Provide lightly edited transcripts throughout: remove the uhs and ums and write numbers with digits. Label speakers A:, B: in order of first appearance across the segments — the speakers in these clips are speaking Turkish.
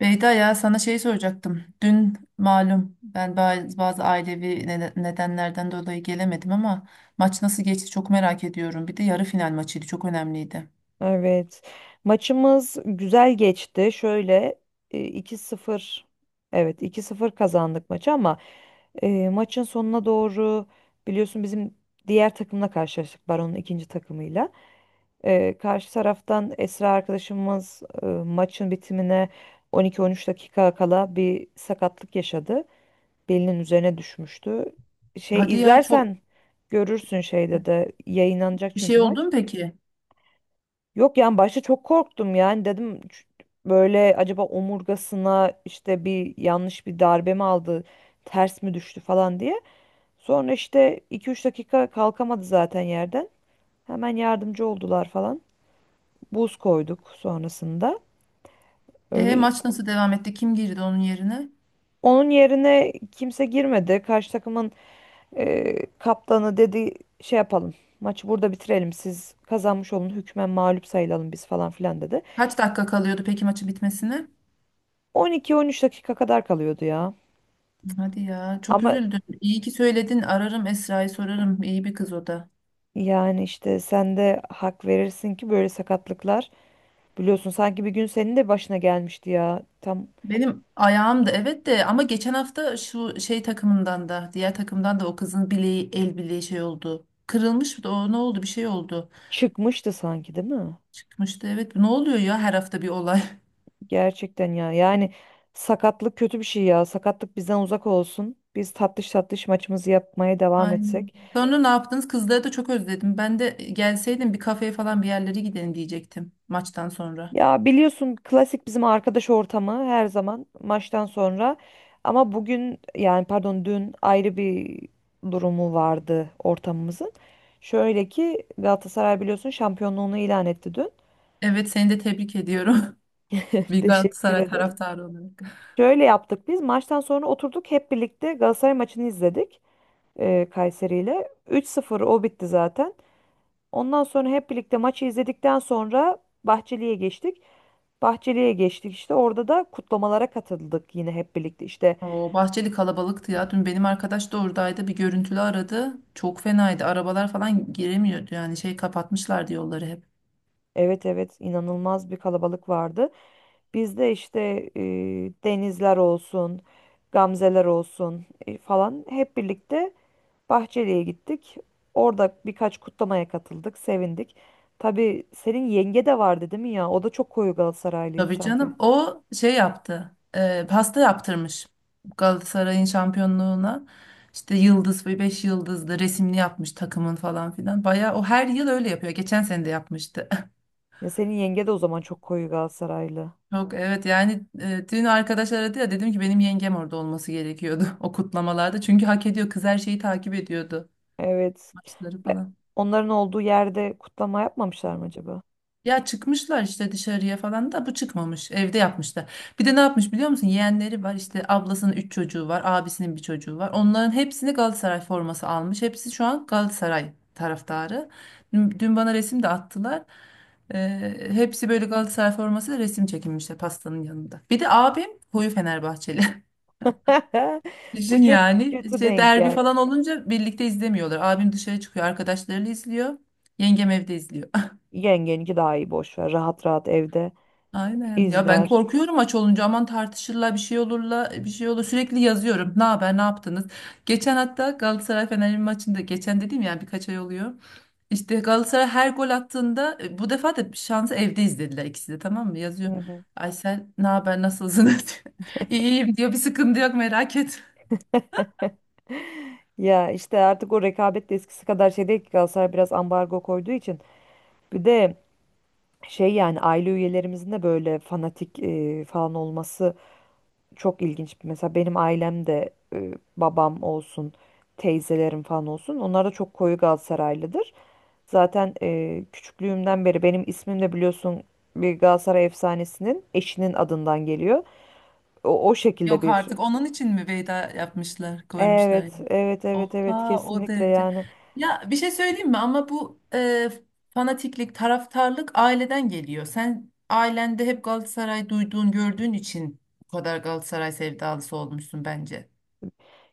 A: Beyda ya sana şey soracaktım. Dün malum ben bazı ailevi nedenlerden dolayı gelemedim ama maç nasıl geçti çok merak ediyorum. Bir de yarı final maçıydı çok önemliydi.
B: Evet. Maçımız güzel geçti. Şöyle 2-0, evet iki sıfır kazandık maçı, ama maçın sonuna doğru biliyorsun bizim diğer takımla karşılaştık. Baron'un ikinci takımıyla. Karşı taraftan Esra arkadaşımız maçın bitimine 12-13 dakika kala bir sakatlık yaşadı. Belinin üzerine düşmüştü. Şey
A: Hadi ya çok
B: izlersen görürsün, şeyde de yayınlanacak
A: bir
B: çünkü
A: şey oldu
B: maç.
A: mu peki?
B: Yok yani başta çok korktum, yani dedim böyle acaba omurgasına işte bir yanlış bir darbe mi aldı, ters mi düştü falan" diye. Sonra işte iki üç dakika kalkamadı zaten yerden. Hemen yardımcı oldular falan. Buz koyduk sonrasında. Öyle
A: Maç nasıl devam etti? Kim girdi onun yerine?
B: onun yerine kimse girmedi. Karşı takımın kaptanı dedi şey yapalım. Maçı burada bitirelim. Siz kazanmış olun. Hükmen mağlup sayılalım biz falan filan dedi.
A: Kaç dakika kalıyordu peki maçı bitmesine?
B: 12-13 dakika kadar kalıyordu ya.
A: Hadi ya çok
B: Ama
A: üzüldüm. İyi ki söyledin. Ararım Esra'yı sorarım. İyi bir kız o da.
B: yani işte sen de hak verirsin ki böyle sakatlıklar biliyorsun, sanki bir gün senin de başına gelmişti ya. Tam
A: Benim ayağım da, evet, de ama geçen hafta şu şey takımından da diğer takımdan da o kızın bileği el bileği şey oldu. Kırılmış da o ne oldu, bir şey oldu.
B: çıkmıştı sanki değil mi?
A: Çıkmıştı, evet. Ne oluyor ya, her hafta bir olay.
B: Gerçekten ya. Yani sakatlık kötü bir şey ya. Sakatlık bizden uzak olsun. Biz tatlış tatlış maçımızı yapmaya devam
A: Aynen.
B: etsek.
A: Sonra ne yaptınız? Kızları da çok özledim. Ben de gelseydim bir kafeye falan bir yerlere gidelim diyecektim maçtan sonra.
B: Ya biliyorsun klasik bizim arkadaş ortamı her zaman maçtan sonra. Ama bugün, yani pardon, dün ayrı bir durumu vardı ortamımızın. Şöyle ki Galatasaray biliyorsun şampiyonluğunu ilan etti dün.
A: Evet, seni de tebrik ediyorum. Bir
B: Teşekkür
A: Galatasaray
B: ederim.
A: taraftarı olarak.
B: Şöyle yaptık, biz maçtan sonra oturduk hep birlikte Galatasaray maçını izledik Kayseri ile. 3-0 o bitti zaten. Ondan sonra hep birlikte maçı izledikten sonra Bahçeli'ye geçtik. Bahçeli'ye geçtik, işte orada da kutlamalara katıldık yine hep birlikte, işte
A: O Bahçeli kalabalıktı ya. Dün benim arkadaş da oradaydı. Bir görüntülü aradı. Çok fenaydı. Arabalar falan giremiyordu. Yani şey kapatmışlardı yolları hep.
B: evet evet, inanılmaz bir kalabalık vardı. Biz de işte e, denizler olsun, gamzeler olsun, falan hep birlikte Bahçeli'ye gittik. Orada birkaç kutlamaya katıldık, sevindik. Tabii senin yenge de vardı değil mi ya? O da çok koyu Galatasaraylıydı
A: Tabii
B: sanki.
A: canım. O şey yaptı. Pasta yaptırmış. Galatasaray'ın şampiyonluğuna. İşte yıldız ve beş yıldızlı resimli yapmış takımın falan filan. Bayağı o her yıl öyle yapıyor. Geçen sene de yapmıştı.
B: Ya senin yenge de o zaman çok koyu Galatasaraylı.
A: Çok evet, yani dün arkadaş aradı ya, dedim ki benim yengem orada olması gerekiyordu o kutlamalarda. Çünkü hak ediyor. Kız her şeyi takip ediyordu.
B: Evet.
A: Maçları
B: Ve
A: falan.
B: onların olduğu yerde kutlama yapmamışlar mı acaba?
A: Ya çıkmışlar işte dışarıya falan da bu çıkmamış. Evde yapmışlar. Bir de ne yapmış biliyor musun? Yeğenleri var işte, ablasının 3 çocuğu var. Abisinin bir çocuğu var. Onların hepsini Galatasaray forması almış. Hepsi şu an Galatasaray taraftarı. Dün bana resim de attılar. Hepsi böyle Galatasaray formasıyla resim çekinmişler pastanın yanında. Bir de abim koyu Fenerbahçeli.
B: Bu
A: Düşün
B: çok
A: yani,
B: kötü
A: işte
B: denk
A: derbi, evet,
B: geldi.
A: falan olunca birlikte izlemiyorlar. Abim dışarı çıkıyor arkadaşlarıyla izliyor. Yengem evde izliyor.
B: Yengeninki daha iyi, boş ver. Rahat rahat evde
A: Aynen. Ya ben
B: izler.
A: korkuyorum, aç olunca aman tartışırlar bir şey olurla bir şey olur. Sürekli yazıyorum. Ne haber, ne yaptınız? Geçen hatta Galatasaray Fenerbahçe maçında, geçen dediğim yani, birkaç ay oluyor. İşte Galatasaray her gol attığında, bu defa da şansı evde izlediler ikisi de, tamam mı?
B: Hı
A: Yazıyorum.
B: hı.
A: Aysel ne haber, nasılsınız? İyiyim diyor. Bir sıkıntı yok, merak etme.
B: Ya işte artık o rekabet de eskisi kadar şey değil ki, Galatasaray biraz ambargo koyduğu için. Bir de şey, yani aile üyelerimizin de böyle fanatik falan olması çok ilginç. Mesela benim ailem de babam olsun, teyzelerim falan olsun. Onlar da çok koyu Galatasaraylıdır. Zaten küçüklüğümden beri benim ismim de biliyorsun bir Galatasaray efsanesinin eşinin adından geliyor. O şekilde
A: Yok
B: bir.
A: artık, onun için mi veda yapmışlar, koymuşlar
B: Evet,
A: yani?
B: evet, evet, evet
A: Oha, o
B: kesinlikle
A: derece.
B: yani.
A: Ya bir şey söyleyeyim mi ama bu fanatiklik, taraftarlık aileden geliyor. Sen ailende hep Galatasaray duyduğun, gördüğün için bu kadar Galatasaray sevdalısı olmuşsun bence.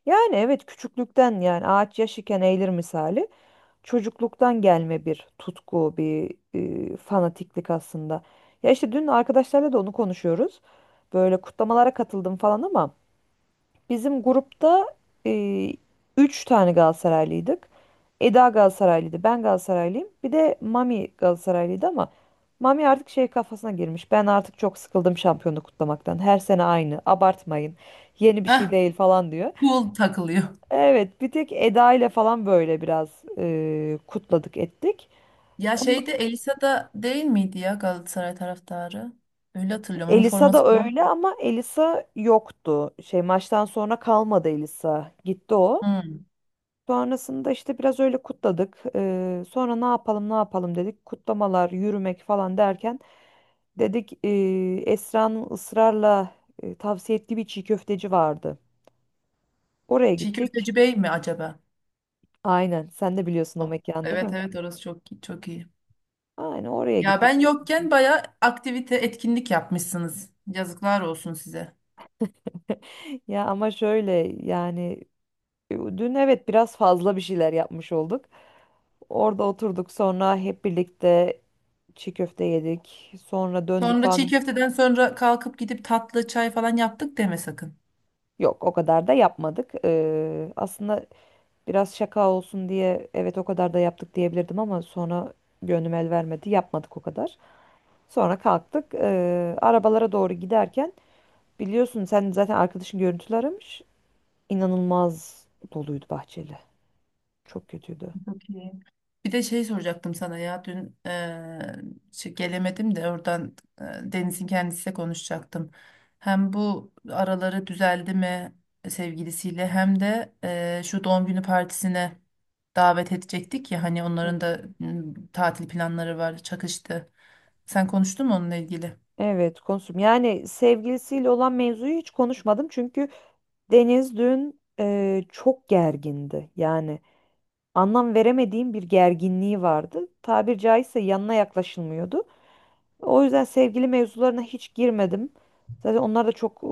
B: Yani evet, küçüklükten yani, ağaç yaş iken eğilir misali. Çocukluktan gelme bir tutku, bir fanatiklik aslında. Ya işte dün arkadaşlarla da onu konuşuyoruz. Böyle kutlamalara katıldım falan, ama bizim grupta e, üç tane Galatasaraylıydık. Eda Galatasaraylıydı, ben Galatasaraylıyım. Bir de Mami Galatasaraylıydı, ama Mami artık şey kafasına girmiş. Ben artık çok sıkıldım şampiyonluk kutlamaktan. Her sene aynı, abartmayın. Yeni bir şey
A: Heh,
B: değil falan diyor.
A: pul takılıyor.
B: Evet, bir tek Eda ile falan böyle biraz kutladık ettik.
A: Ya
B: Onun-
A: şeyde Elisa da değil miydi ya, Galatasaray taraftarı? Öyle hatırlıyorum. Onun
B: Elisa da
A: forması falan.
B: öyle, ama Elisa yoktu. Şey, maçtan sonra kalmadı Elisa. Gitti o.
A: Hmm.
B: Sonrasında işte biraz öyle kutladık. Sonra ne yapalım ne yapalım dedik. Kutlamalar, yürümek falan derken dedik Esra'nın ısrarla tavsiye ettiği bir çiğ köfteci vardı. Oraya
A: Çiğ
B: gittik.
A: Köfteci Bey mi acaba?
B: Aynen. Sen de biliyorsun o
A: Oh,
B: mekan değil
A: evet,
B: mi?
A: evet, orası çok çok iyi.
B: Aynen oraya
A: Ya
B: gittik.
A: ben yokken bayağı aktivite, etkinlik yapmışsınız. Yazıklar olsun size.
B: Ya ama şöyle, yani dün evet biraz fazla bir şeyler yapmış olduk. Orada oturduk, sonra hep birlikte çiğ köfte yedik. Sonra döndük
A: Sonra çiğ
B: falan.
A: köfteden sonra kalkıp gidip tatlı çay falan yaptık deme sakın.
B: Yok o kadar da yapmadık. Aslında biraz şaka olsun diye evet o kadar da yaptık diyebilirdim, ama sonra gönlüm el vermedi. Yapmadık o kadar. Sonra kalktık. Arabalara doğru giderken biliyorsun sen zaten arkadaşın görüntüler aramış. İnanılmaz doluydu bahçeli. Çok kötüydü.
A: Çok iyi. Bir de şey soracaktım sana ya, dün şey gelemedim de, oradan Deniz'in kendisiyle konuşacaktım. Hem bu araları düzeldi mi sevgilisiyle, hem de şu doğum günü partisine davet edecektik ya, hani onların da tatil planları var, çakıştı. Sen konuştun mu onunla ilgili?
B: Evet, konuştum. Yani sevgilisiyle olan mevzuyu hiç konuşmadım çünkü Deniz dün çok gergindi. Yani anlam veremediğim bir gerginliği vardı. Tabir caizse yanına yaklaşılmıyordu. O yüzden sevgili mevzularına hiç girmedim. Zaten onlar da çok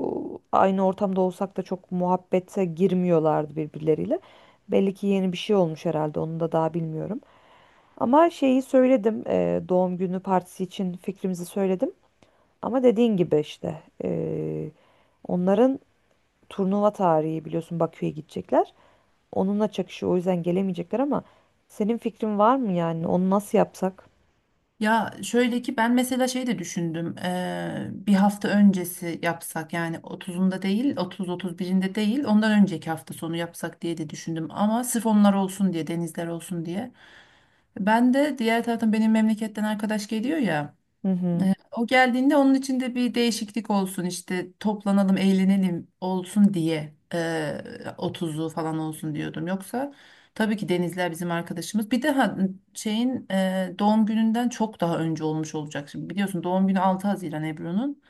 B: aynı ortamda olsak da çok muhabbete girmiyorlardı birbirleriyle. Belli ki yeni bir şey olmuş herhalde, onu da daha bilmiyorum. Ama şeyi söyledim, doğum günü partisi için fikrimizi söyledim. Ama dediğin gibi işte, onların turnuva tarihi biliyorsun, Bakü'ye gidecekler. Onunla çakışıyor, o yüzden gelemeyecekler, ama senin fikrin var mı, yani onu nasıl yapsak?
A: Ya şöyle ki, ben mesela şey de düşündüm. Bir hafta öncesi yapsak, yani otuzunda değil, otuz otuz birinde değil, ondan önceki hafta sonu yapsak diye de düşündüm. Ama sırf onlar olsun diye, denizler olsun diye. Ben de diğer taraftan, benim memleketten arkadaş geliyor ya.
B: Hı hı.
A: O geldiğinde onun içinde bir değişiklik olsun, işte toplanalım eğlenelim olsun diye 30'u falan olsun diyordum. Yoksa tabii ki Denizler bizim arkadaşımız. Bir de şeyin doğum gününden çok daha önce olmuş olacak. Şimdi biliyorsun, doğum günü 6 Haziran Ebru'nun.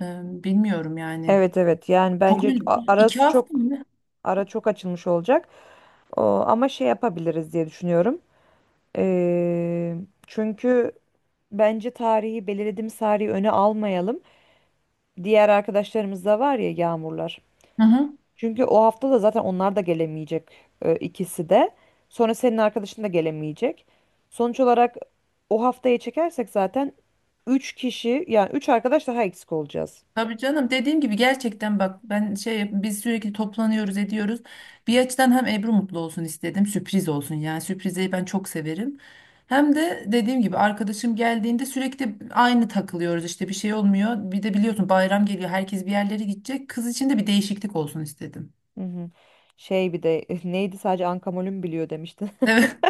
A: Bilmiyorum yani.
B: Evet evet, yani
A: Çok
B: bence
A: ön- iki hafta mı? Ne?
B: ara çok açılmış olacak. O, ama şey yapabiliriz diye düşünüyorum. Eee, Çünkü bence tarihi, belirlediğimiz tarihi öne almayalım. Diğer arkadaşlarımız da var ya, Yağmurlar.
A: Hı hı.
B: Çünkü o hafta da zaten onlar da gelemeyecek, ikisi de. Sonra senin arkadaşın da gelemeyecek. Sonuç olarak o haftaya çekersek zaten 3 kişi, yani 3 arkadaş daha eksik olacağız.
A: Tabii canım, dediğim gibi gerçekten bak, ben şey, biz sürekli toplanıyoruz, ediyoruz. Bir açıdan hem Ebru mutlu olsun istedim, sürpriz olsun, yani sürprizi ben çok severim. Hem de dediğim gibi arkadaşım geldiğinde sürekli aynı takılıyoruz işte, bir şey olmuyor. Bir de biliyorsun bayram geliyor, herkes bir yerlere gidecek, kız için de bir değişiklik olsun istedim.
B: Hı hı. Şey, bir de neydi, sadece Ankamol'ün biliyor demiştin.
A: Evet.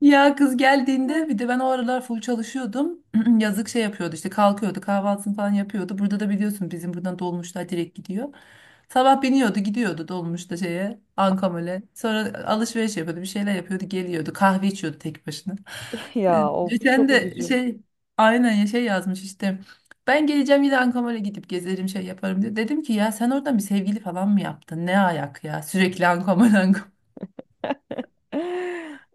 A: Ya kız geldiğinde bir de ben o aralar full çalışıyordum. Yazık, şey yapıyordu işte, kalkıyordu kahvaltısını falan yapıyordu. Burada da biliyorsun, bizim buradan dolmuşlar direkt gidiyor. Sabah biniyordu gidiyordu dolmuşta şeye, Ankamol'e. Sonra alışveriş yapıyordu, bir şeyler yapıyordu, geliyordu. Kahve içiyordu tek başına.
B: Ya of,
A: Geçen
B: çok
A: de
B: üzücü.
A: şey, aynen ya, şey yazmış işte. Ben geleceğim yine Ankamol'e gidip gezerim, şey yaparım diye. Dedim ki ya sen oradan bir sevgili falan mı yaptın? Ne ayak ya, sürekli Ankamol Ankamol.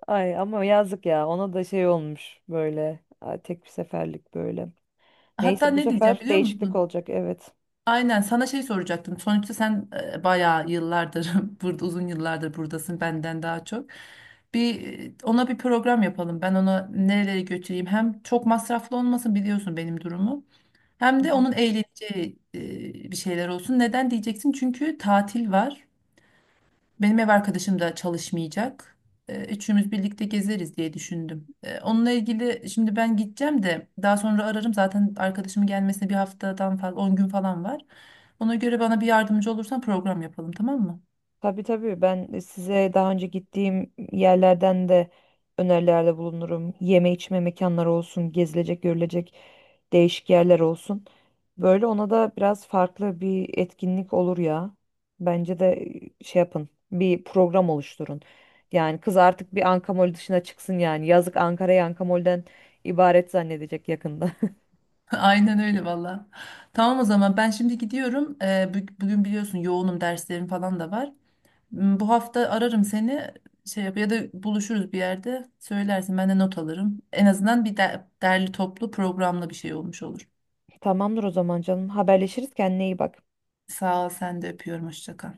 B: Ay ama yazık ya, ona da şey olmuş böyle, ay, tek bir seferlik böyle.
A: Hatta
B: Neyse bu
A: ne diyeceğim
B: sefer
A: biliyor
B: değişiklik
A: musun?
B: olacak, evet.
A: Aynen, sana şey soracaktım. Sonuçta sen bayağı yıllardır burada, uzun yıllardır buradasın benden daha çok. Ona bir program yapalım. Ben ona nerelere götüreyim. Hem çok masraflı olmasın, biliyorsun benim durumu. Hem de onun eğleneceği bir şeyler olsun. Neden diyeceksin? Çünkü tatil var. Benim ev arkadaşım da çalışmayacak. Üçümüz birlikte gezeriz diye düşündüm. Onunla ilgili şimdi ben gideceğim de, daha sonra ararım. Zaten arkadaşımın gelmesine bir haftadan fazla, 10 gün falan var. Ona göre bana bir yardımcı olursan program yapalım, tamam mı?
B: Tabii tabii, ben size daha önce gittiğim yerlerden de önerilerde bulunurum. Yeme içme mekanları olsun, gezilecek, görülecek değişik yerler olsun. Böyle ona da biraz farklı bir etkinlik olur ya. Bence de şey yapın, bir program oluşturun. Yani kız artık bir Ankamol dışına çıksın yani. Yazık, Ankara'yı Ankamol'den ibaret zannedecek yakında.
A: Aynen öyle valla. Tamam, o zaman ben şimdi gidiyorum. Bugün biliyorsun yoğunum, derslerim falan da var. Bu hafta ararım seni, şey yap, ya da buluşuruz bir yerde, söylersin ben de not alırım. En azından derli toplu, programlı bir şey olmuş olur.
B: Tamamdır o zaman canım. Haberleşiriz, kendine iyi bak.
A: Sağ ol, sen de, öpüyorum. Hoşça kal.